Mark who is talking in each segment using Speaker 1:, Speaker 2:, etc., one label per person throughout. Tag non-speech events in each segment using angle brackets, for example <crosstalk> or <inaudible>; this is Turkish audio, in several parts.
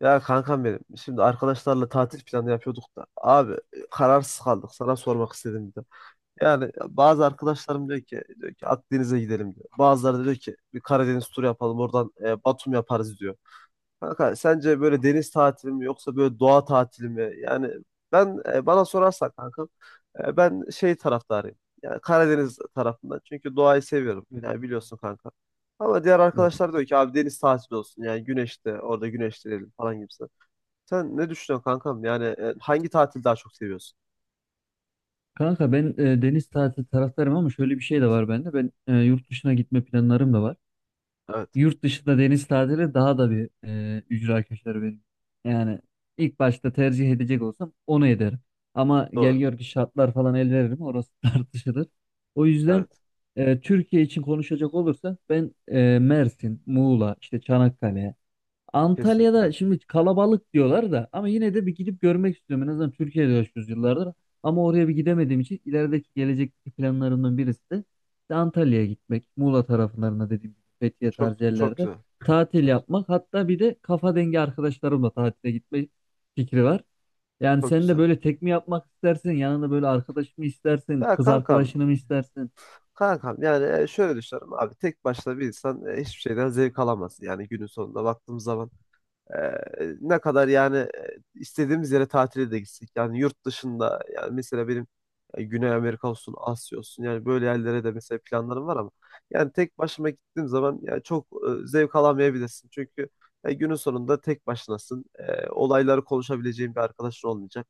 Speaker 1: Ya kankam benim. Şimdi arkadaşlarla tatil planı yapıyorduk da. Abi kararsız kaldık. Sana sormak istedim bir de. Yani bazı arkadaşlarım diyor ki Akdeniz'e gidelim diyor. Bazıları da diyor ki bir Karadeniz turu yapalım. Oradan Batum yaparız diyor. Kanka sence böyle deniz tatili mi yoksa böyle doğa tatili mi? Yani bana sorarsan kankam, ben şey taraftarıyım. Yani Karadeniz tarafından. Çünkü doğayı seviyorum.
Speaker 2: Evet,
Speaker 1: Yani biliyorsun kanka. Ama diğer
Speaker 2: evet.
Speaker 1: arkadaşlar diyor ki abi deniz tatili olsun. Yani güneşte orada güneşlenelim falan gibi. Sen ne düşünüyorsun kankam? Yani hangi tatili daha çok seviyorsun?
Speaker 2: Kanka ben deniz tatili taraftarım ama şöyle bir şey de var bende. Ben yurt dışına gitme planlarım da var.
Speaker 1: Evet,
Speaker 2: Yurt dışında deniz tatili daha da bir ücra köşeleri benim. Yani ilk başta tercih edecek olsam onu ederim. Ama gel
Speaker 1: doğru.
Speaker 2: gör ki şartlar falan el veririm orası <laughs> tartışılır. O yüzden
Speaker 1: Evet,
Speaker 2: Türkiye için konuşacak olursa ben Mersin, Muğla, işte Çanakkale,
Speaker 1: kesinlikle.
Speaker 2: Antalya'da şimdi kalabalık diyorlar da ama yine de bir gidip görmek istiyorum. En azından Türkiye'de yaşıyoruz yıllardır. Ama oraya bir gidemediğim için ilerideki gelecekteki planlarımdan birisi de işte Antalya'ya gitmek. Muğla taraflarına dediğim gibi Fethiye
Speaker 1: Çok
Speaker 2: tarzı
Speaker 1: çok
Speaker 2: yerlerde
Speaker 1: güzel.
Speaker 2: tatil
Speaker 1: Çok
Speaker 2: yapmak. Hatta bir de kafa dengi arkadaşlarımla tatile gitme fikri var. Yani
Speaker 1: çok
Speaker 2: sen de
Speaker 1: güzel.
Speaker 2: böyle tek mi yapmak istersin? Yanında böyle arkadaş mı istersin?
Speaker 1: Ya
Speaker 2: Kız
Speaker 1: kankam,
Speaker 2: arkadaşını mı istersin?
Speaker 1: kankam yani, şöyle düşünüyorum abi. Tek başına bir insan hiçbir şeyden zevk alamaz. Yani günün sonunda baktığımız zaman Ee, ne kadar yani, istediğimiz yere tatile de gitsek. Yani yurt dışında, yani mesela benim, Güney Amerika olsun, Asya olsun, yani böyle yerlere de mesela planlarım var. Ama yani tek başıma gittiğim zaman yani çok, zevk alamayabilirsin. Çünkü günün sonunda tek başınasın. Olayları konuşabileceğin bir arkadaşın olmayacak.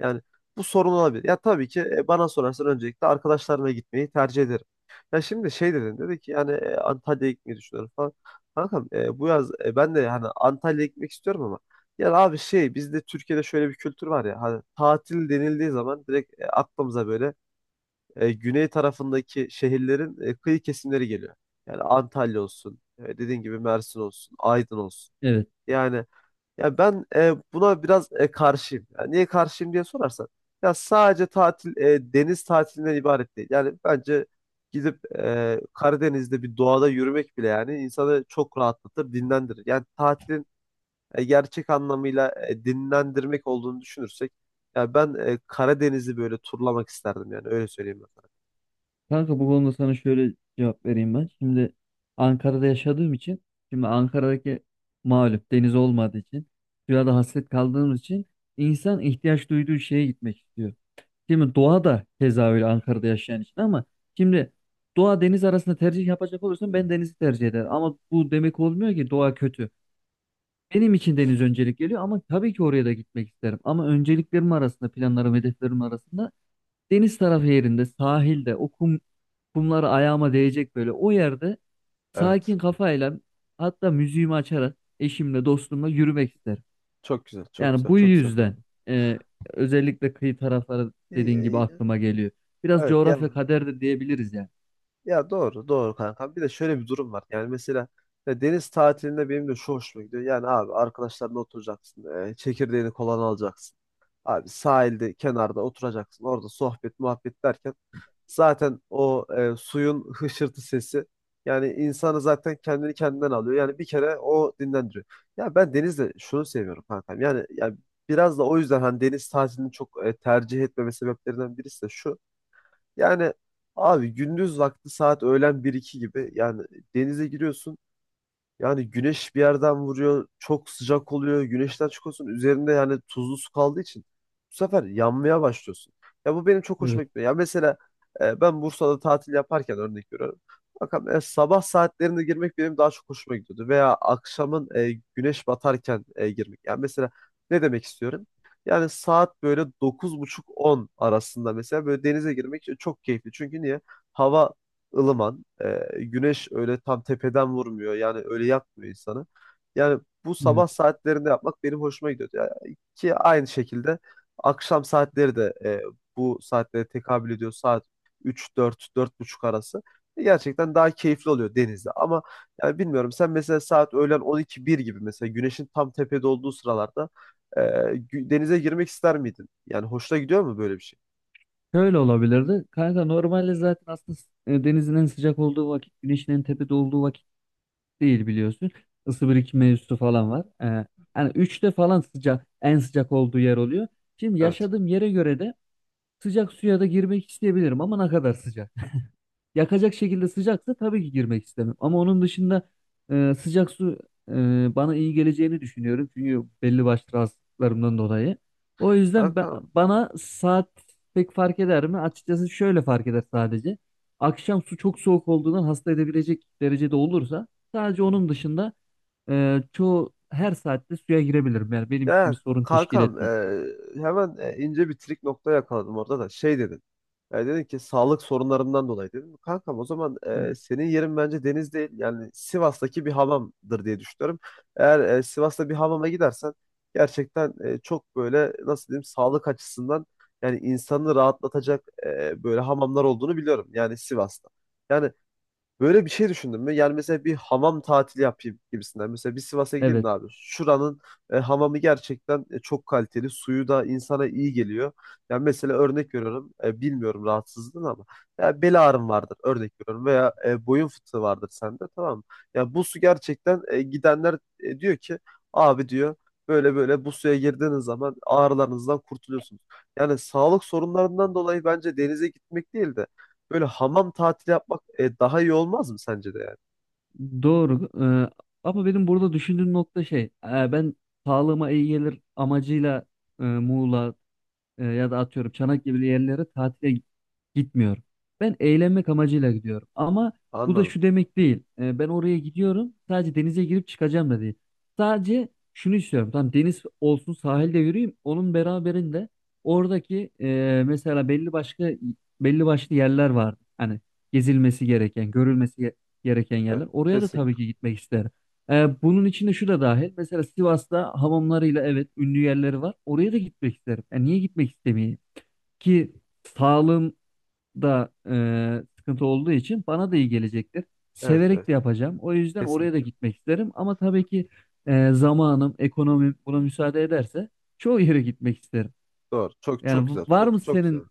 Speaker 1: Yani bu sorun olabilir. Ya tabii ki bana sorarsan öncelikle arkadaşlarımla gitmeyi tercih ederim. Ya şimdi şey dedi ki yani, Antalya'ya gitmeyi düşünüyorum falan. Kankam, bu yaz ben de hani Antalya'ya gitmek istiyorum. Ama ya abi şey, bizde Türkiye'de şöyle bir kültür var ya, hani tatil denildiği zaman direkt aklımıza böyle, güney tarafındaki şehirlerin kıyı kesimleri geliyor. Yani Antalya olsun, dediğin gibi Mersin olsun, Aydın olsun. Yani ya ben buna biraz karşıyım. Yani niye karşıyım diye sorarsan, ya sadece tatil deniz tatilinden ibaret değil. Yani bence gidip Karadeniz'de bir doğada yürümek bile yani insanı çok rahatlatır, dinlendirir. Yani tatilin gerçek anlamıyla dinlendirmek olduğunu düşünürsek, ya ben Karadeniz'i böyle turlamak isterdim, yani öyle söyleyeyim ben sana.
Speaker 2: Kanka bu konuda sana şöyle cevap vereyim ben. Şimdi Ankara'da yaşadığım için, şimdi Ankara'daki malum deniz olmadığı için, suya da hasret kaldığımız için insan ihtiyaç duyduğu şeye gitmek istiyor. Şimdi doğa da keza öyle Ankara'da yaşayan için ama şimdi doğa deniz arasında tercih yapacak olursan ben denizi tercih ederim. Ama bu demek olmuyor ki doğa kötü. Benim için deniz öncelik geliyor ama tabii ki oraya da gitmek isterim. Ama önceliklerim arasında, planlarım, hedeflerim arasında deniz tarafı yerinde, sahilde, o kum, kumlar ayağıma değecek böyle. O yerde sakin
Speaker 1: Evet.
Speaker 2: kafayla hatta müziğimi açarak eşimle dostumla yürümek isterim.
Speaker 1: Çok güzel, çok
Speaker 2: Yani
Speaker 1: güzel,
Speaker 2: bu
Speaker 1: çok güzel
Speaker 2: yüzden
Speaker 1: kanka.
Speaker 2: e, özellikle kıyı tarafları
Speaker 1: İyi-
Speaker 2: dediğin gibi
Speaker 1: iyi.
Speaker 2: aklıma geliyor. Biraz
Speaker 1: Evet, yani
Speaker 2: coğrafya kader de diyebiliriz yani.
Speaker 1: ya doğru, doğru kanka. Bir de şöyle bir durum var. Yani mesela ya, deniz tatilinde benim de şu hoşuma gidiyor. Yani abi, arkadaşlarla oturacaksın, çekirdeğini kolan alacaksın. Abi sahilde, kenarda oturacaksın. Orada sohbet, muhabbet derken zaten o suyun hışırtı sesi yani insanı zaten kendini kendinden alıyor. Yani bir kere o dinlendiriyor. Ya ben denizde şunu seviyorum kankam. Yani, biraz da o yüzden hani deniz tatilini çok tercih etmeme sebeplerinden birisi de şu. Yani abi, gündüz vakti saat öğlen bir iki gibi yani denize giriyorsun. Yani güneş bir yerden vuruyor, çok sıcak oluyor, güneşten çıkıyorsun, üzerinde yani tuzlu su kaldığı için bu sefer yanmaya başlıyorsun. Ya bu benim çok hoşuma
Speaker 2: Evet,
Speaker 1: gitmiyor. Ya mesela ben Bursa'da tatil yaparken örnek veriyorum. Bakın, sabah saatlerinde girmek benim daha çok hoşuma gidiyordu. Veya akşamın güneş batarken girmek. Yani mesela ne demek istiyorum? Yani saat böyle buçuk 10 arasında mesela böyle denize girmek çok keyifli. Çünkü niye? Hava ılıman. Güneş öyle tam tepeden vurmuyor. Yani öyle yakmıyor insanı. Yani bu,
Speaker 2: evet.
Speaker 1: sabah saatlerinde yapmak benim hoşuma gidiyordu. Yani ki aynı şekilde akşam saatleri de bu saatlere tekabül ediyor. Saat 3, 4, 4.30 arası. Gerçekten daha keyifli oluyor denizde. Ama yani bilmiyorum, sen mesela saat öğlen 12, 1 gibi, mesela güneşin tam tepede olduğu sıralarda denize girmek ister miydin? Yani hoşuna gidiyor mu böyle bir şey?
Speaker 2: Şöyle olabilirdi. Kanka normalde zaten aslında denizin en sıcak olduğu vakit, güneşin en tepede olduğu vakit değil biliyorsun. Isı birikimi mevzusu falan var. Yani üçte falan sıcak, en sıcak olduğu yer oluyor. Şimdi
Speaker 1: Evet.
Speaker 2: yaşadığım yere göre de sıcak suya da girmek isteyebilirim ama ne kadar sıcak. <laughs> Yakacak şekilde sıcaksa tabii ki girmek istemem. Ama onun dışında sıcak su e, bana iyi geleceğini düşünüyorum. Çünkü belli başlı rahatsızlıklarımdan dolayı. O yüzden
Speaker 1: Kanka.
Speaker 2: bana saat pek fark eder mi? Açıkçası şöyle fark eder sadece. Akşam su çok soğuk olduğundan hasta edebilecek derecede olursa sadece onun dışında, çoğu her saatte suya girebilirim. Yani benim için
Speaker 1: Ya
Speaker 2: bir sorun teşkil
Speaker 1: kankam,
Speaker 2: etmez.
Speaker 1: hemen ince bir trik nokta yakaladım orada. Da şey dedin, yani dedin ki sağlık sorunlarından dolayı dedim. Kankam, o zaman
Speaker 2: Evet.
Speaker 1: senin yerin bence deniz değil, yani Sivas'taki bir hamamdır diye düşünüyorum. Eğer Sivas'ta bir hamama gidersen gerçekten çok, böyle nasıl diyeyim, sağlık açısından yani insanı rahatlatacak böyle hamamlar olduğunu biliyorum, yani Sivas'ta. Yani böyle bir şey düşündün mü? Yani mesela bir hamam tatili yapayım gibisinden. Mesela bir Sivas'a gideyim
Speaker 2: Evet,
Speaker 1: de abi. Şuranın hamamı gerçekten çok kaliteli. Suyu da insana iyi geliyor. Yani mesela örnek veriyorum. Bilmiyorum rahatsızlığın ama. Ya bel ağrım vardır örnek veriyorum. Veya boyun fıtığı vardır sende, tamam mı? Ya bu su gerçekten, gidenler diyor ki, abi diyor, böyle böyle bu suya girdiğiniz zaman ağrılarınızdan kurtuluyorsunuz. Yani sağlık sorunlarından dolayı bence denize gitmek değil de böyle hamam tatili yapmak daha iyi olmaz mı sence de, yani?
Speaker 2: doğru. Ee, Ama benim burada düşündüğüm nokta şey, ben sağlığıma iyi gelir amacıyla Muğla, ya da atıyorum Çanak gibi yerlere tatile gitmiyorum. Ben eğlenmek amacıyla gidiyorum. Ama bu da
Speaker 1: Anladım.
Speaker 2: şu demek değil. E, ben oraya gidiyorum sadece denize girip çıkacağım da değil. Sadece şunu istiyorum. Tamam deniz olsun sahilde yürüyeyim. Onun beraberinde oradaki mesela belli başka belli başlı yerler var. Hani gezilmesi gereken, gereken
Speaker 1: Evet,
Speaker 2: yerler. Oraya da
Speaker 1: kesinlikle.
Speaker 2: tabii ki gitmek isterim. Bunun içinde şu da dahil. Mesela Sivas'ta hamamlarıyla evet ünlü yerleri var. Oraya da gitmek isterim. Yani niye gitmek istemeyeyim? Ki sağlığım da sıkıntı olduğu için bana da iyi gelecektir.
Speaker 1: Evet,
Speaker 2: Severek
Speaker 1: evet,
Speaker 2: de yapacağım. O yüzden oraya da
Speaker 1: kesinlikle.
Speaker 2: gitmek isterim. Ama tabii ki zamanım, ekonomim buna müsaade ederse çoğu yere gitmek isterim.
Speaker 1: Doğru. Çok çok
Speaker 2: Yani
Speaker 1: güzel.
Speaker 2: var mı
Speaker 1: Çok çok güzel.
Speaker 2: senin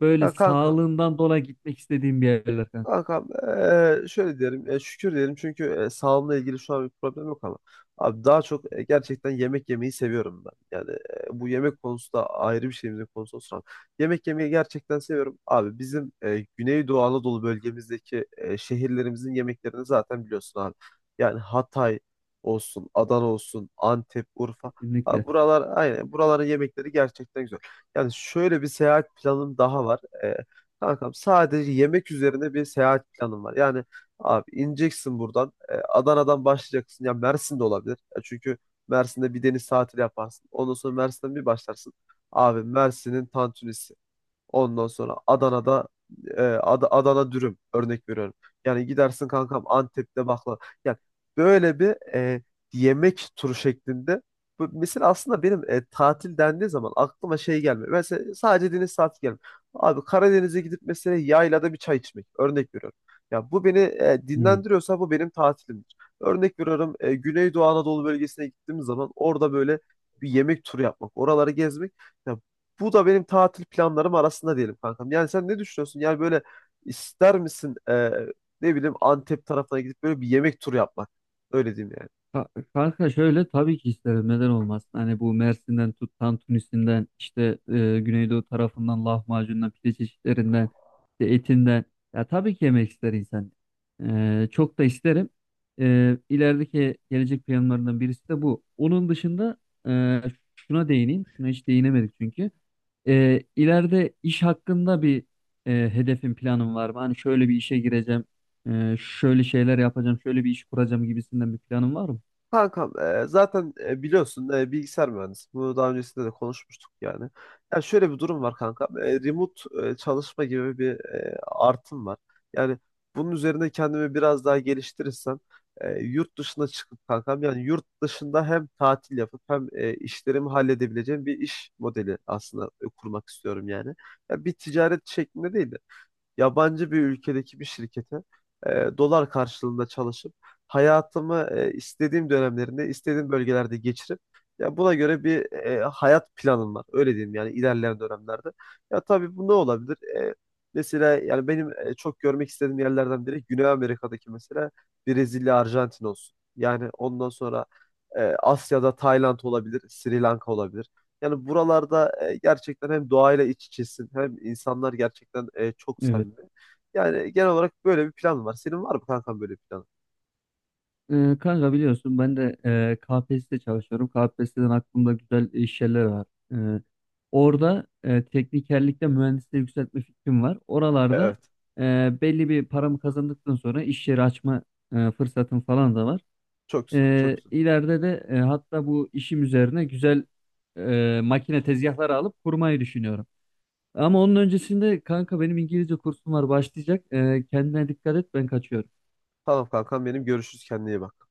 Speaker 2: böyle
Speaker 1: Ya kanka,
Speaker 2: sağlığından dolayı gitmek istediğin bir yerler kanka?
Speaker 1: kankam, şöyle diyelim, şükür diyelim, çünkü sağlığımla ilgili şu an bir problem yok. Ama abi, daha çok, gerçekten yemek yemeyi seviyorum ben. Yani bu yemek konusu da ayrı bir şeyimizin konusu olsun. Ama yemek yemeyi gerçekten seviyorum. Abi bizim Güneydoğu Anadolu bölgemizdeki şehirlerimizin yemeklerini zaten biliyorsun abi. Yani Hatay olsun, Adana olsun, Antep, Urfa. Abi
Speaker 2: Kesinlikle.
Speaker 1: buralar, aynen buraların yemekleri gerçekten güzel. Yani şöyle bir seyahat planım daha var. Kankam, sadece yemek üzerine bir seyahat planım var. Yani abi ineceksin buradan, Adana'dan başlayacaksın. Ya Mersin'de olabilir. Ya çünkü Mersin'de bir deniz tatili yaparsın. Ondan sonra Mersin'den bir başlarsın. Abi Mersin'in tantunisi. Ondan sonra Adana'da Adana dürüm, örnek veriyorum. Yani gidersin kankam Antep'te baklava. Yani böyle bir, e, yemek turu şeklinde. Bu, mesela aslında benim, tatil dendiği zaman aklıma şey gelmiyor. Mesela sadece deniz tatili gelmiyor. Abi Karadeniz'e gidip mesela yaylada bir çay içmek, örnek veriyorum. Ya bu beni dinlendiriyorsa bu benim tatilimdir. Örnek veriyorum, Güneydoğu Anadolu bölgesine gittiğim zaman orada böyle bir yemek turu yapmak, oraları gezmek. Ya bu da benim tatil planlarım arasında diyelim kankam. Yani sen ne düşünüyorsun? Yani böyle, ister misin ne bileyim, Antep tarafına gidip böyle bir yemek turu yapmak? Öyle diyeyim yani.
Speaker 2: Ka- Kanka şöyle tabii ki isterim neden olmasın hani bu Mersin'den tut tantunisinden işte Güneydoğu tarafından lahmacundan pide çeşitlerinden işte etinden, ya tabii ki yemek ister insan. E, çok da isterim, ilerideki gelecek planlarından birisi de bu. Onun dışında, e, şuna değineyim, şuna hiç değinemedik çünkü e, ileride iş hakkında bir hedefim planım var mı, hani şöyle bir işe gireceğim, şöyle şeyler yapacağım, şöyle bir iş kuracağım gibisinden bir planım var mı?
Speaker 1: Kankam, zaten biliyorsun, bilgisayar mühendisi. Bunu daha öncesinde de konuşmuştuk yani. Ya şöyle bir durum var kankam. Remote çalışma gibi bir artım var. Yani bunun üzerine kendimi biraz daha geliştirirsem, yurt dışına çıkıp kankam, yani yurt dışında hem tatil yapıp hem işlerimi halledebileceğim bir iş modeli aslında kurmak istiyorum yani. Ya bir ticaret şeklinde değil de yabancı bir ülkedeki bir şirkete dolar karşılığında çalışıp hayatımı istediğim dönemlerinde istediğim bölgelerde geçirip, ya buna göre bir hayat planım var. Öyle diyeyim yani, ilerleyen dönemlerde. Ya tabii, bu ne olabilir? E, Mesela yani benim, çok görmek istediğim yerlerden biri Güney Amerika'daki mesela Brezilya, Arjantin olsun. Yani ondan sonra Asya'da Tayland olabilir, Sri Lanka olabilir. Yani buralarda gerçekten hem doğayla iç içesin hem insanlar gerçekten çok
Speaker 2: Evet.
Speaker 1: samimi. Yani genel olarak böyle bir plan var. Senin var mı kankam böyle bir planın?
Speaker 2: Kanka biliyorsun ben de KPSS'de çalışıyorum. KPSS'den aklımda güzel iş yerleri var. Ee, Orada teknikerlikte mühendisliği yükseltme fikrim var. Oralarda
Speaker 1: Evet.
Speaker 2: e, belli bir paramı kazandıktan sonra iş yeri açma fırsatım falan da var.
Speaker 1: Çok güzel, çok güzel.
Speaker 2: İleride de, hatta bu işim üzerine güzel makine tezgahları alıp kurmayı düşünüyorum. Ama onun öncesinde kanka benim İngilizce kursum var başlayacak. Kendine dikkat et ben kaçıyorum.
Speaker 1: Tamam kankam benim, görüşürüz, kendine iyi bak.